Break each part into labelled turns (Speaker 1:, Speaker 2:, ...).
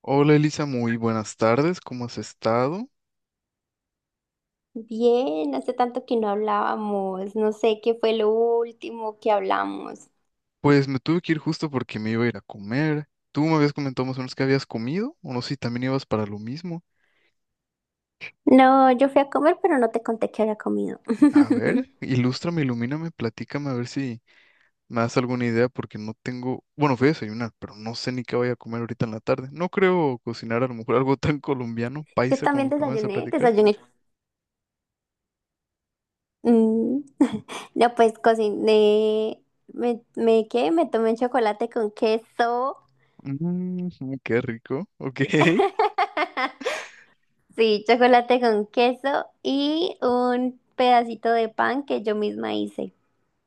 Speaker 1: Hola Elisa, muy buenas tardes, ¿cómo has estado?
Speaker 2: Bien, hace tanto que no hablábamos, no sé qué fue lo último que hablamos.
Speaker 1: Pues me tuve que ir justo porque me iba a ir a comer. Tú me habías comentado más o menos que habías comido, o no sé si también ibas para lo mismo.
Speaker 2: No, yo fui a comer, pero no te conté que había comido.
Speaker 1: A ver, ilústrame, ilumíname, platícame, a ver si me das alguna idea, porque no tengo. Bueno, fui a desayunar, pero no sé ni qué voy a comer ahorita en la tarde. No creo cocinar a lo mejor algo tan colombiano,
Speaker 2: Yo
Speaker 1: paisa, como
Speaker 2: también
Speaker 1: lo que me vas a
Speaker 2: desayuné,
Speaker 1: platicar.
Speaker 2: desayuné. Mm, no, pues cociné, ¿qué? Me tomé chocolate con queso.
Speaker 1: Mmm, qué rico, ok.
Speaker 2: Sí, chocolate con queso y un pedacito de pan que yo misma hice.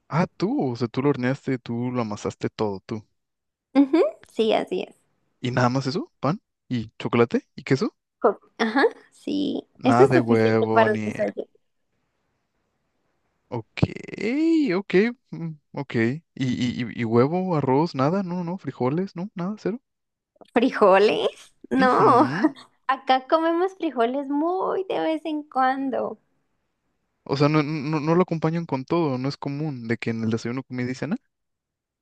Speaker 1: Ah, tú, o sea, tú lo horneaste, tú lo amasaste todo, tú.
Speaker 2: Ujú, sí, así es.
Speaker 1: Y nada más eso, pan y chocolate y queso.
Speaker 2: Ajá, sí. Eso
Speaker 1: Nada
Speaker 2: es
Speaker 1: de
Speaker 2: suficiente
Speaker 1: huevo
Speaker 2: para un
Speaker 1: ni...
Speaker 2: desayuno.
Speaker 1: Ok, ok, ok. ¿Y, y huevo, arroz, nada? No, no, frijoles, no, nada, cero.
Speaker 2: ¿Frijoles? No,
Speaker 1: Ujú.
Speaker 2: acá comemos frijoles muy de vez en cuando.
Speaker 1: O sea, no, no, no lo acompañan con todo, no es común de que en el desayuno, comida y cena.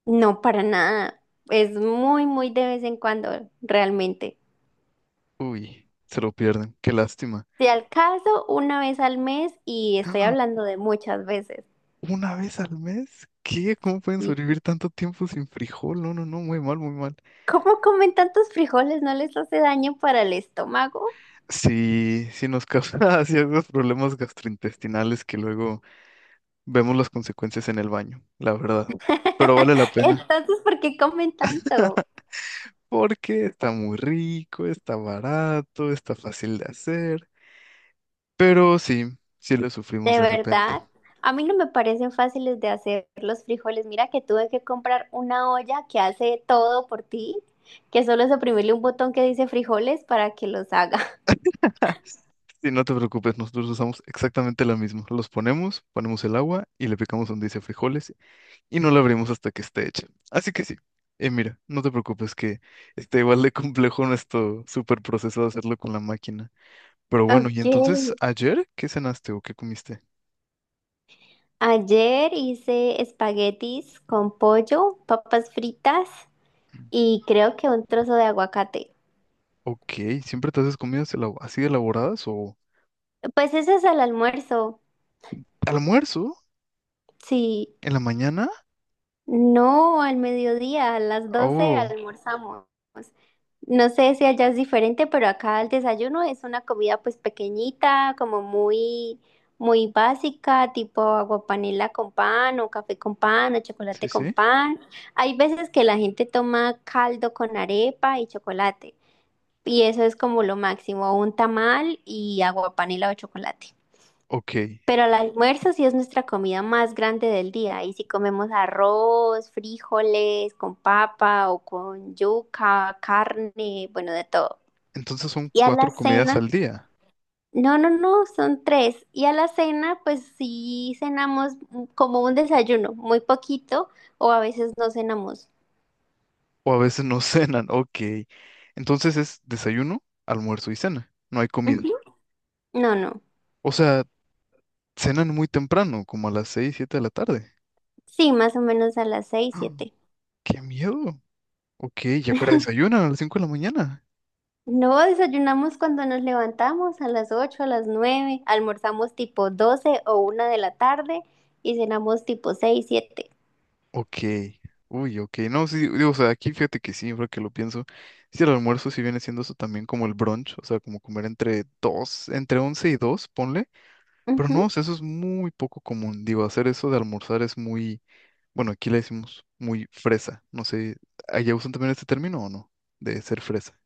Speaker 2: No, para nada. Es muy, muy de vez en cuando, realmente.
Speaker 1: Uy, se lo pierden, qué lástima.
Speaker 2: Si al caso, una vez al mes y estoy
Speaker 1: ¡Ah!
Speaker 2: hablando de muchas veces.
Speaker 1: ¿Una vez al mes? ¿Qué? ¿Cómo pueden
Speaker 2: ¿Y
Speaker 1: sobrevivir tanto tiempo sin frijol? No, no, no, muy mal, muy mal.
Speaker 2: cómo comen tantos frijoles? ¿No les hace daño para el estómago?
Speaker 1: Sí, sí nos causa ciertos problemas gastrointestinales que luego vemos las consecuencias en el baño, la verdad. Pero vale la pena.
Speaker 2: Entonces, ¿por qué comen tanto?
Speaker 1: Porque está muy rico, está barato, está fácil de hacer. Pero sí, sí lo sufrimos
Speaker 2: ¿De
Speaker 1: de repente.
Speaker 2: verdad? A mí no me parecen fáciles de hacer los frijoles. Mira que tuve que comprar una olla que hace todo por ti, que solo es oprimirle un botón que dice frijoles para que los haga.
Speaker 1: Y no te preocupes, nosotros usamos exactamente la misma. Los ponemos, ponemos el agua y le picamos donde dice frijoles y no la abrimos hasta que esté hecha. Así que sí. Mira, no te preocupes que está igual de complejo nuestro super proceso de hacerlo con la máquina. Pero bueno, ¿y
Speaker 2: Ok.
Speaker 1: entonces ayer qué cenaste o qué comiste?
Speaker 2: Ayer hice espaguetis con pollo, papas fritas y creo que un trozo de aguacate.
Speaker 1: Ok, ¿siempre te haces comidas así de elaboradas o
Speaker 2: Pues ese es el almuerzo.
Speaker 1: almuerzo
Speaker 2: Sí.
Speaker 1: en la mañana?
Speaker 2: No, al mediodía, a las 12
Speaker 1: Oh,
Speaker 2: almorzamos. No sé si allá es diferente, pero acá el desayuno es una comida pues pequeñita, como muy, muy básica, tipo aguapanela con pan o café con pan o chocolate
Speaker 1: sí,
Speaker 2: con
Speaker 1: sí.
Speaker 2: pan. Hay veces que la gente toma caldo con arepa y chocolate, y eso es como lo máximo, un tamal y aguapanela o chocolate.
Speaker 1: Ok,
Speaker 2: Pero el almuerzo sí es nuestra comida más grande del día. Y si comemos arroz, frijoles, con papa o con yuca, carne, bueno, de todo.
Speaker 1: entonces son
Speaker 2: Y a la
Speaker 1: cuatro comidas
Speaker 2: cena,
Speaker 1: al día
Speaker 2: no, no, no, son tres. Y a la cena, pues sí cenamos como un desayuno, muy poquito, o a veces no cenamos.
Speaker 1: o a veces no cenan. Ok, entonces es desayuno, almuerzo y cena. No hay comida.
Speaker 2: Ujú. No, no.
Speaker 1: O sea, cenan muy temprano, como a las seis, siete de la tarde.
Speaker 2: Sí, más o menos a las seis,
Speaker 1: ¡Ah!
Speaker 2: siete.
Speaker 1: ¡Qué miedo! Ok, ¿y ahora desayunan a las cinco de la mañana?
Speaker 2: No, desayunamos cuando nos levantamos a las 8 a las 9, almorzamos tipo 12 o 1 de la tarde y cenamos tipo 6, 7.
Speaker 1: Ok, uy, ok, no, sí, digo, o sea, aquí fíjate que sí, ahora que lo pienso, sí, el almuerzo sí viene siendo eso también como el brunch, o sea, como comer entre dos, entre once y dos, ponle, pero no,
Speaker 2: Ujú.
Speaker 1: o sea, eso es muy poco común, digo, hacer eso de almorzar es muy, bueno, aquí le decimos muy fresa, no sé, ¿allá usan también este término o no? De ser fresa.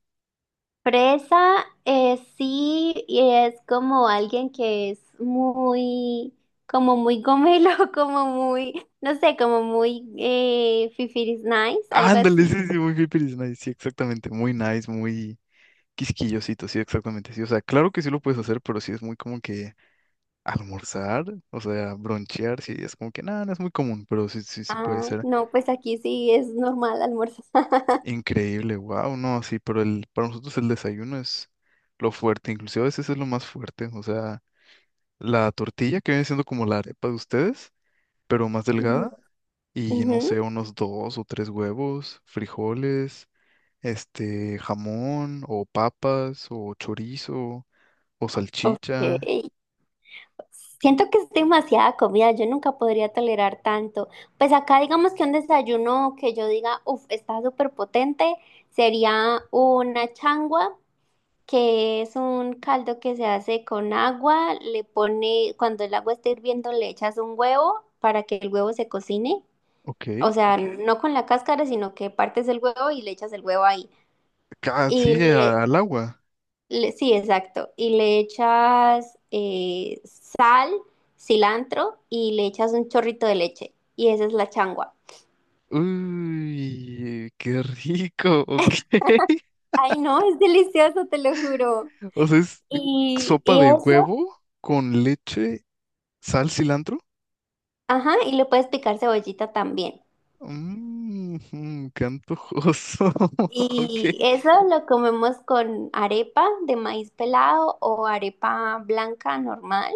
Speaker 2: Fresa, sí, y es como alguien que es muy, como muy gomelo, como muy, no sé, como muy fifiris nice, algo
Speaker 1: Ándale,
Speaker 2: así.
Speaker 1: sí, sí, muy hippie is nice, sí, exactamente, muy nice, muy quisquillosito, sí, exactamente, sí, o sea, claro que sí lo puedes hacer, pero sí es muy como que almorzar, o sea, bronchear, sí, es como que nada, no es muy común, pero sí, sí, sí puede
Speaker 2: Ah,
Speaker 1: ser
Speaker 2: no, pues aquí sí es normal almorzar.
Speaker 1: increíble, wow, no, sí, pero el, para nosotros el desayuno es lo fuerte, inclusive a veces es lo más fuerte, o sea, la tortilla que viene siendo como la arepa de ustedes, pero más delgada, y no sé,
Speaker 2: Ujú.
Speaker 1: unos dos o tres huevos, frijoles, este, jamón, o papas, o chorizo, o salchicha,
Speaker 2: Ok. Siento que es demasiada comida, yo nunca podría tolerar tanto. Pues acá digamos que un desayuno que yo diga, uff, está súper potente, sería una changua, que es un caldo que se hace con agua, le pone, cuando el agua está hirviendo le echas un huevo para que el huevo se cocine,
Speaker 1: ok,
Speaker 2: o sea, no con la cáscara, sino que partes el huevo y le echas el huevo ahí. Y
Speaker 1: sí, al agua.
Speaker 2: sí, exacto. Y le echas sal, cilantro y le echas un chorrito de leche. Y esa es la changua.
Speaker 1: Uy, qué rico, ok.
Speaker 2: Ay, no, es delicioso, te lo juro.
Speaker 1: O sea, es sopa
Speaker 2: Y
Speaker 1: de
Speaker 2: eso,
Speaker 1: huevo con leche, sal, cilantro.
Speaker 2: ajá, y le puedes picar cebollita también.
Speaker 1: Mmm, qué antojoso.
Speaker 2: Y
Speaker 1: Ok.
Speaker 2: eso lo comemos con arepa de maíz pelado o arepa blanca normal.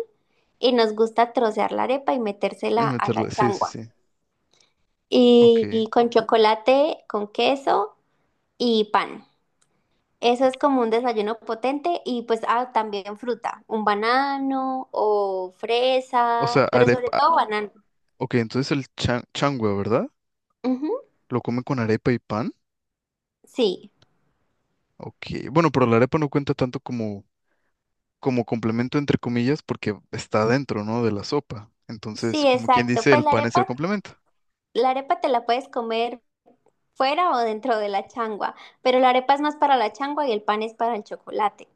Speaker 2: Y nos gusta trocear la arepa y
Speaker 1: Y
Speaker 2: metérsela a
Speaker 1: meterle,
Speaker 2: la
Speaker 1: sí, sí,
Speaker 2: changua.
Speaker 1: sí.
Speaker 2: y
Speaker 1: Ok.
Speaker 2: y con chocolate, con queso y pan. Eso es como un desayuno potente y pues ah, también fruta, un banano o
Speaker 1: O sea,
Speaker 2: fresa, pero sobre
Speaker 1: arepa.
Speaker 2: todo banano.
Speaker 1: Ok, entonces el changua, ¿verdad?
Speaker 2: Ujú,
Speaker 1: Lo come con arepa y pan.
Speaker 2: sí,
Speaker 1: Ok. Bueno, pero la arepa no cuenta tanto como, como complemento, entre comillas, porque está dentro, ¿no? De la sopa.
Speaker 2: sí,
Speaker 1: Entonces, como quien
Speaker 2: exacto.
Speaker 1: dice,
Speaker 2: Pues
Speaker 1: el pan es el complemento.
Speaker 2: la arepa te la puedes comer fuera o dentro de la changua, pero la arepa es más para la changua y el pan es para el chocolate.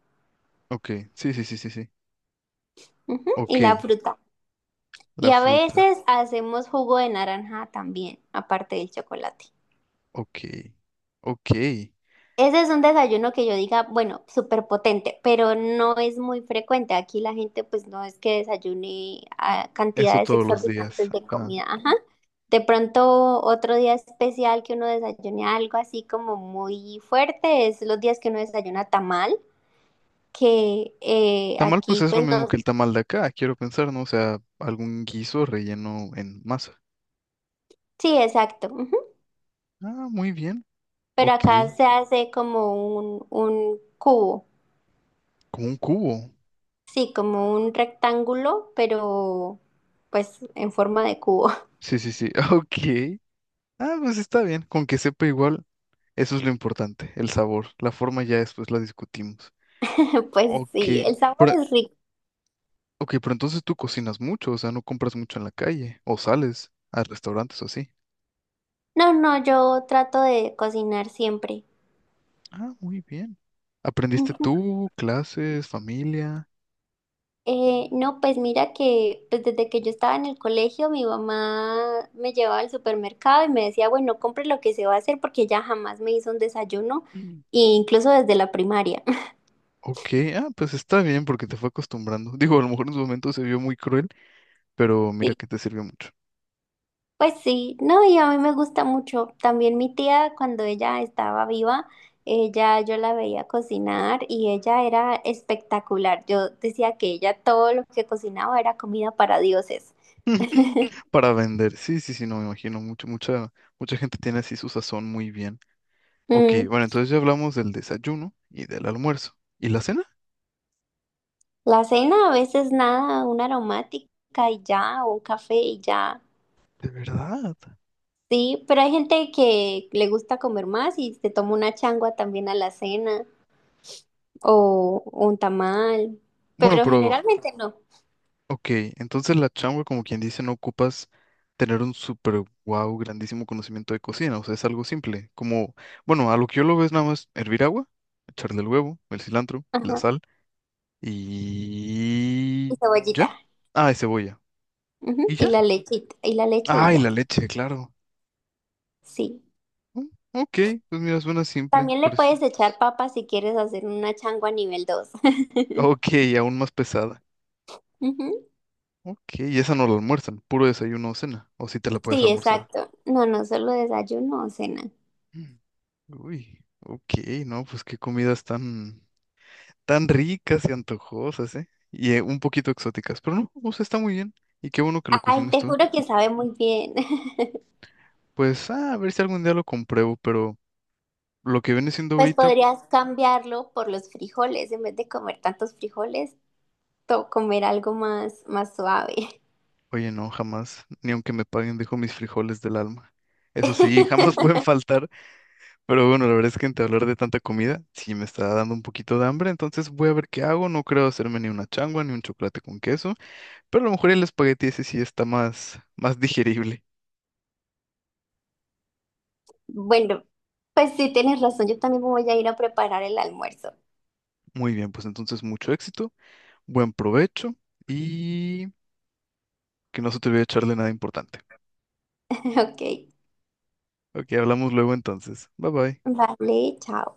Speaker 1: Ok, sí, sí, sí, sí, sí.
Speaker 2: Ujú, y
Speaker 1: Ok,
Speaker 2: la fruta.
Speaker 1: la
Speaker 2: Y a
Speaker 1: fruta.
Speaker 2: veces hacemos jugo de naranja también, aparte del chocolate.
Speaker 1: Ok, ok.
Speaker 2: Ese es un desayuno que yo diga, bueno, súper potente, pero no es muy frecuente. Aquí la gente pues no es que desayune a
Speaker 1: Eso
Speaker 2: cantidades
Speaker 1: todos los días.
Speaker 2: exorbitantes de
Speaker 1: Ajá.
Speaker 2: comida. Ajá. De pronto otro día especial que uno desayune algo así como muy fuerte es los días que uno desayuna tamal, que
Speaker 1: Tamal, pues
Speaker 2: aquí
Speaker 1: es lo
Speaker 2: pues
Speaker 1: mismo
Speaker 2: no.
Speaker 1: que el tamal de acá, quiero pensar, ¿no? O sea, algún guiso relleno en masa.
Speaker 2: Sí, exacto. Ujú.
Speaker 1: Ah, muy bien.
Speaker 2: Pero
Speaker 1: Ok,
Speaker 2: acá se hace como un, cubo,
Speaker 1: como un cubo.
Speaker 2: sí, como un rectángulo, pero pues en forma de cubo.
Speaker 1: Sí, sí, sí. Ok. Ah, pues está bien. Con que sepa igual, eso es lo importante, el sabor. La forma ya después la discutimos.
Speaker 2: Pues
Speaker 1: Ok,
Speaker 2: sí, el sabor
Speaker 1: pero,
Speaker 2: es rico.
Speaker 1: ok, pero entonces tú cocinas mucho, o sea, no compras mucho en la calle, o sales a restaurantes o así.
Speaker 2: No, no, yo trato de cocinar siempre.
Speaker 1: Ah, muy bien. ¿Aprendiste
Speaker 2: Ujú.
Speaker 1: tú, clases, familia?
Speaker 2: No, pues mira que pues desde que yo estaba en el colegio, mi mamá me llevaba al supermercado y me decía, bueno, compre lo que se va a hacer porque ella jamás me hizo un desayuno,
Speaker 1: Mm.
Speaker 2: e incluso desde la primaria.
Speaker 1: Ok, ah, pues está bien porque te fue acostumbrando. Digo, a lo mejor en su momento se vio muy cruel, pero mira que te sirvió mucho.
Speaker 2: Pues sí, no, y a mí me gusta mucho. También mi tía, cuando ella estaba viva, ella, yo la veía cocinar y ella era espectacular. Yo decía que ella todo lo que cocinaba era comida para dioses.
Speaker 1: Para vender. Sí, sí, sí, no me imagino. Mucha gente tiene así su sazón muy bien. Ok,
Speaker 2: Mm,
Speaker 1: bueno, entonces ya hablamos del desayuno y del almuerzo. ¿Y la cena?
Speaker 2: la cena a veces nada, una aromática y ya, o un café y ya.
Speaker 1: De verdad.
Speaker 2: Sí, pero hay gente que le gusta comer más y se toma una changua también a la cena o un tamal,
Speaker 1: Bueno,
Speaker 2: pero
Speaker 1: pero
Speaker 2: generalmente no.
Speaker 1: ok, entonces la changua, como quien dice, no ocupas tener un super wow, grandísimo conocimiento de cocina, o sea, es algo simple, como, bueno, a lo que yo lo veo es nada más hervir agua, echarle el huevo, el cilantro, la
Speaker 2: Ajá.
Speaker 1: sal
Speaker 2: Y
Speaker 1: y... ¿Ya?
Speaker 2: cebollita.
Speaker 1: Ah, y cebolla.
Speaker 2: Ujú,
Speaker 1: ¿Y
Speaker 2: y
Speaker 1: ya?
Speaker 2: la lechita, y la leche y
Speaker 1: Ah, y
Speaker 2: ya.
Speaker 1: la leche, claro.
Speaker 2: Sí.
Speaker 1: Mm, ok, pues mira, suena simple,
Speaker 2: También le
Speaker 1: por eso.
Speaker 2: puedes echar papa si quieres hacer una changua nivel dos.
Speaker 1: Ok, aún más pesada.
Speaker 2: Ujú,
Speaker 1: Ok, y esa no la almuerzan, puro desayuno o cena, o si te la puedes
Speaker 2: sí,
Speaker 1: almorzar.
Speaker 2: exacto. No, no solo desayuno o cena.
Speaker 1: Mm. Uy, ok, no, pues qué comidas tan... tan ricas y antojosas, ¿eh? Y un poquito exóticas, pero no, o sea, está muy bien. Y qué bueno que lo
Speaker 2: Ay,
Speaker 1: cocines
Speaker 2: te
Speaker 1: tú.
Speaker 2: juro que sabe muy bien.
Speaker 1: Pues, ah, a ver si algún día lo compruebo, pero lo que viene siendo
Speaker 2: Pues
Speaker 1: ahorita,
Speaker 2: podrías cambiarlo por los frijoles. En vez de comer tantos frijoles, comer algo más, más suave.
Speaker 1: oye, no, jamás, ni aunque me paguen, dejo mis frijoles del alma. Eso sí, jamás pueden faltar, pero bueno, la verdad es que entre hablar de tanta comida, sí me está dando un poquito de hambre, entonces voy a ver qué hago, no creo hacerme ni una changua, ni un chocolate con queso, pero a lo mejor el espagueti ese sí está más, más digerible.
Speaker 2: Bueno, pues sí, tienes razón. Yo también voy a ir a preparar el almuerzo.
Speaker 1: Muy bien, pues entonces mucho éxito. Buen provecho y que no se te olvide echarle nada importante.
Speaker 2: Ok.
Speaker 1: Ok, hablamos luego entonces. Bye bye.
Speaker 2: Vale, chao.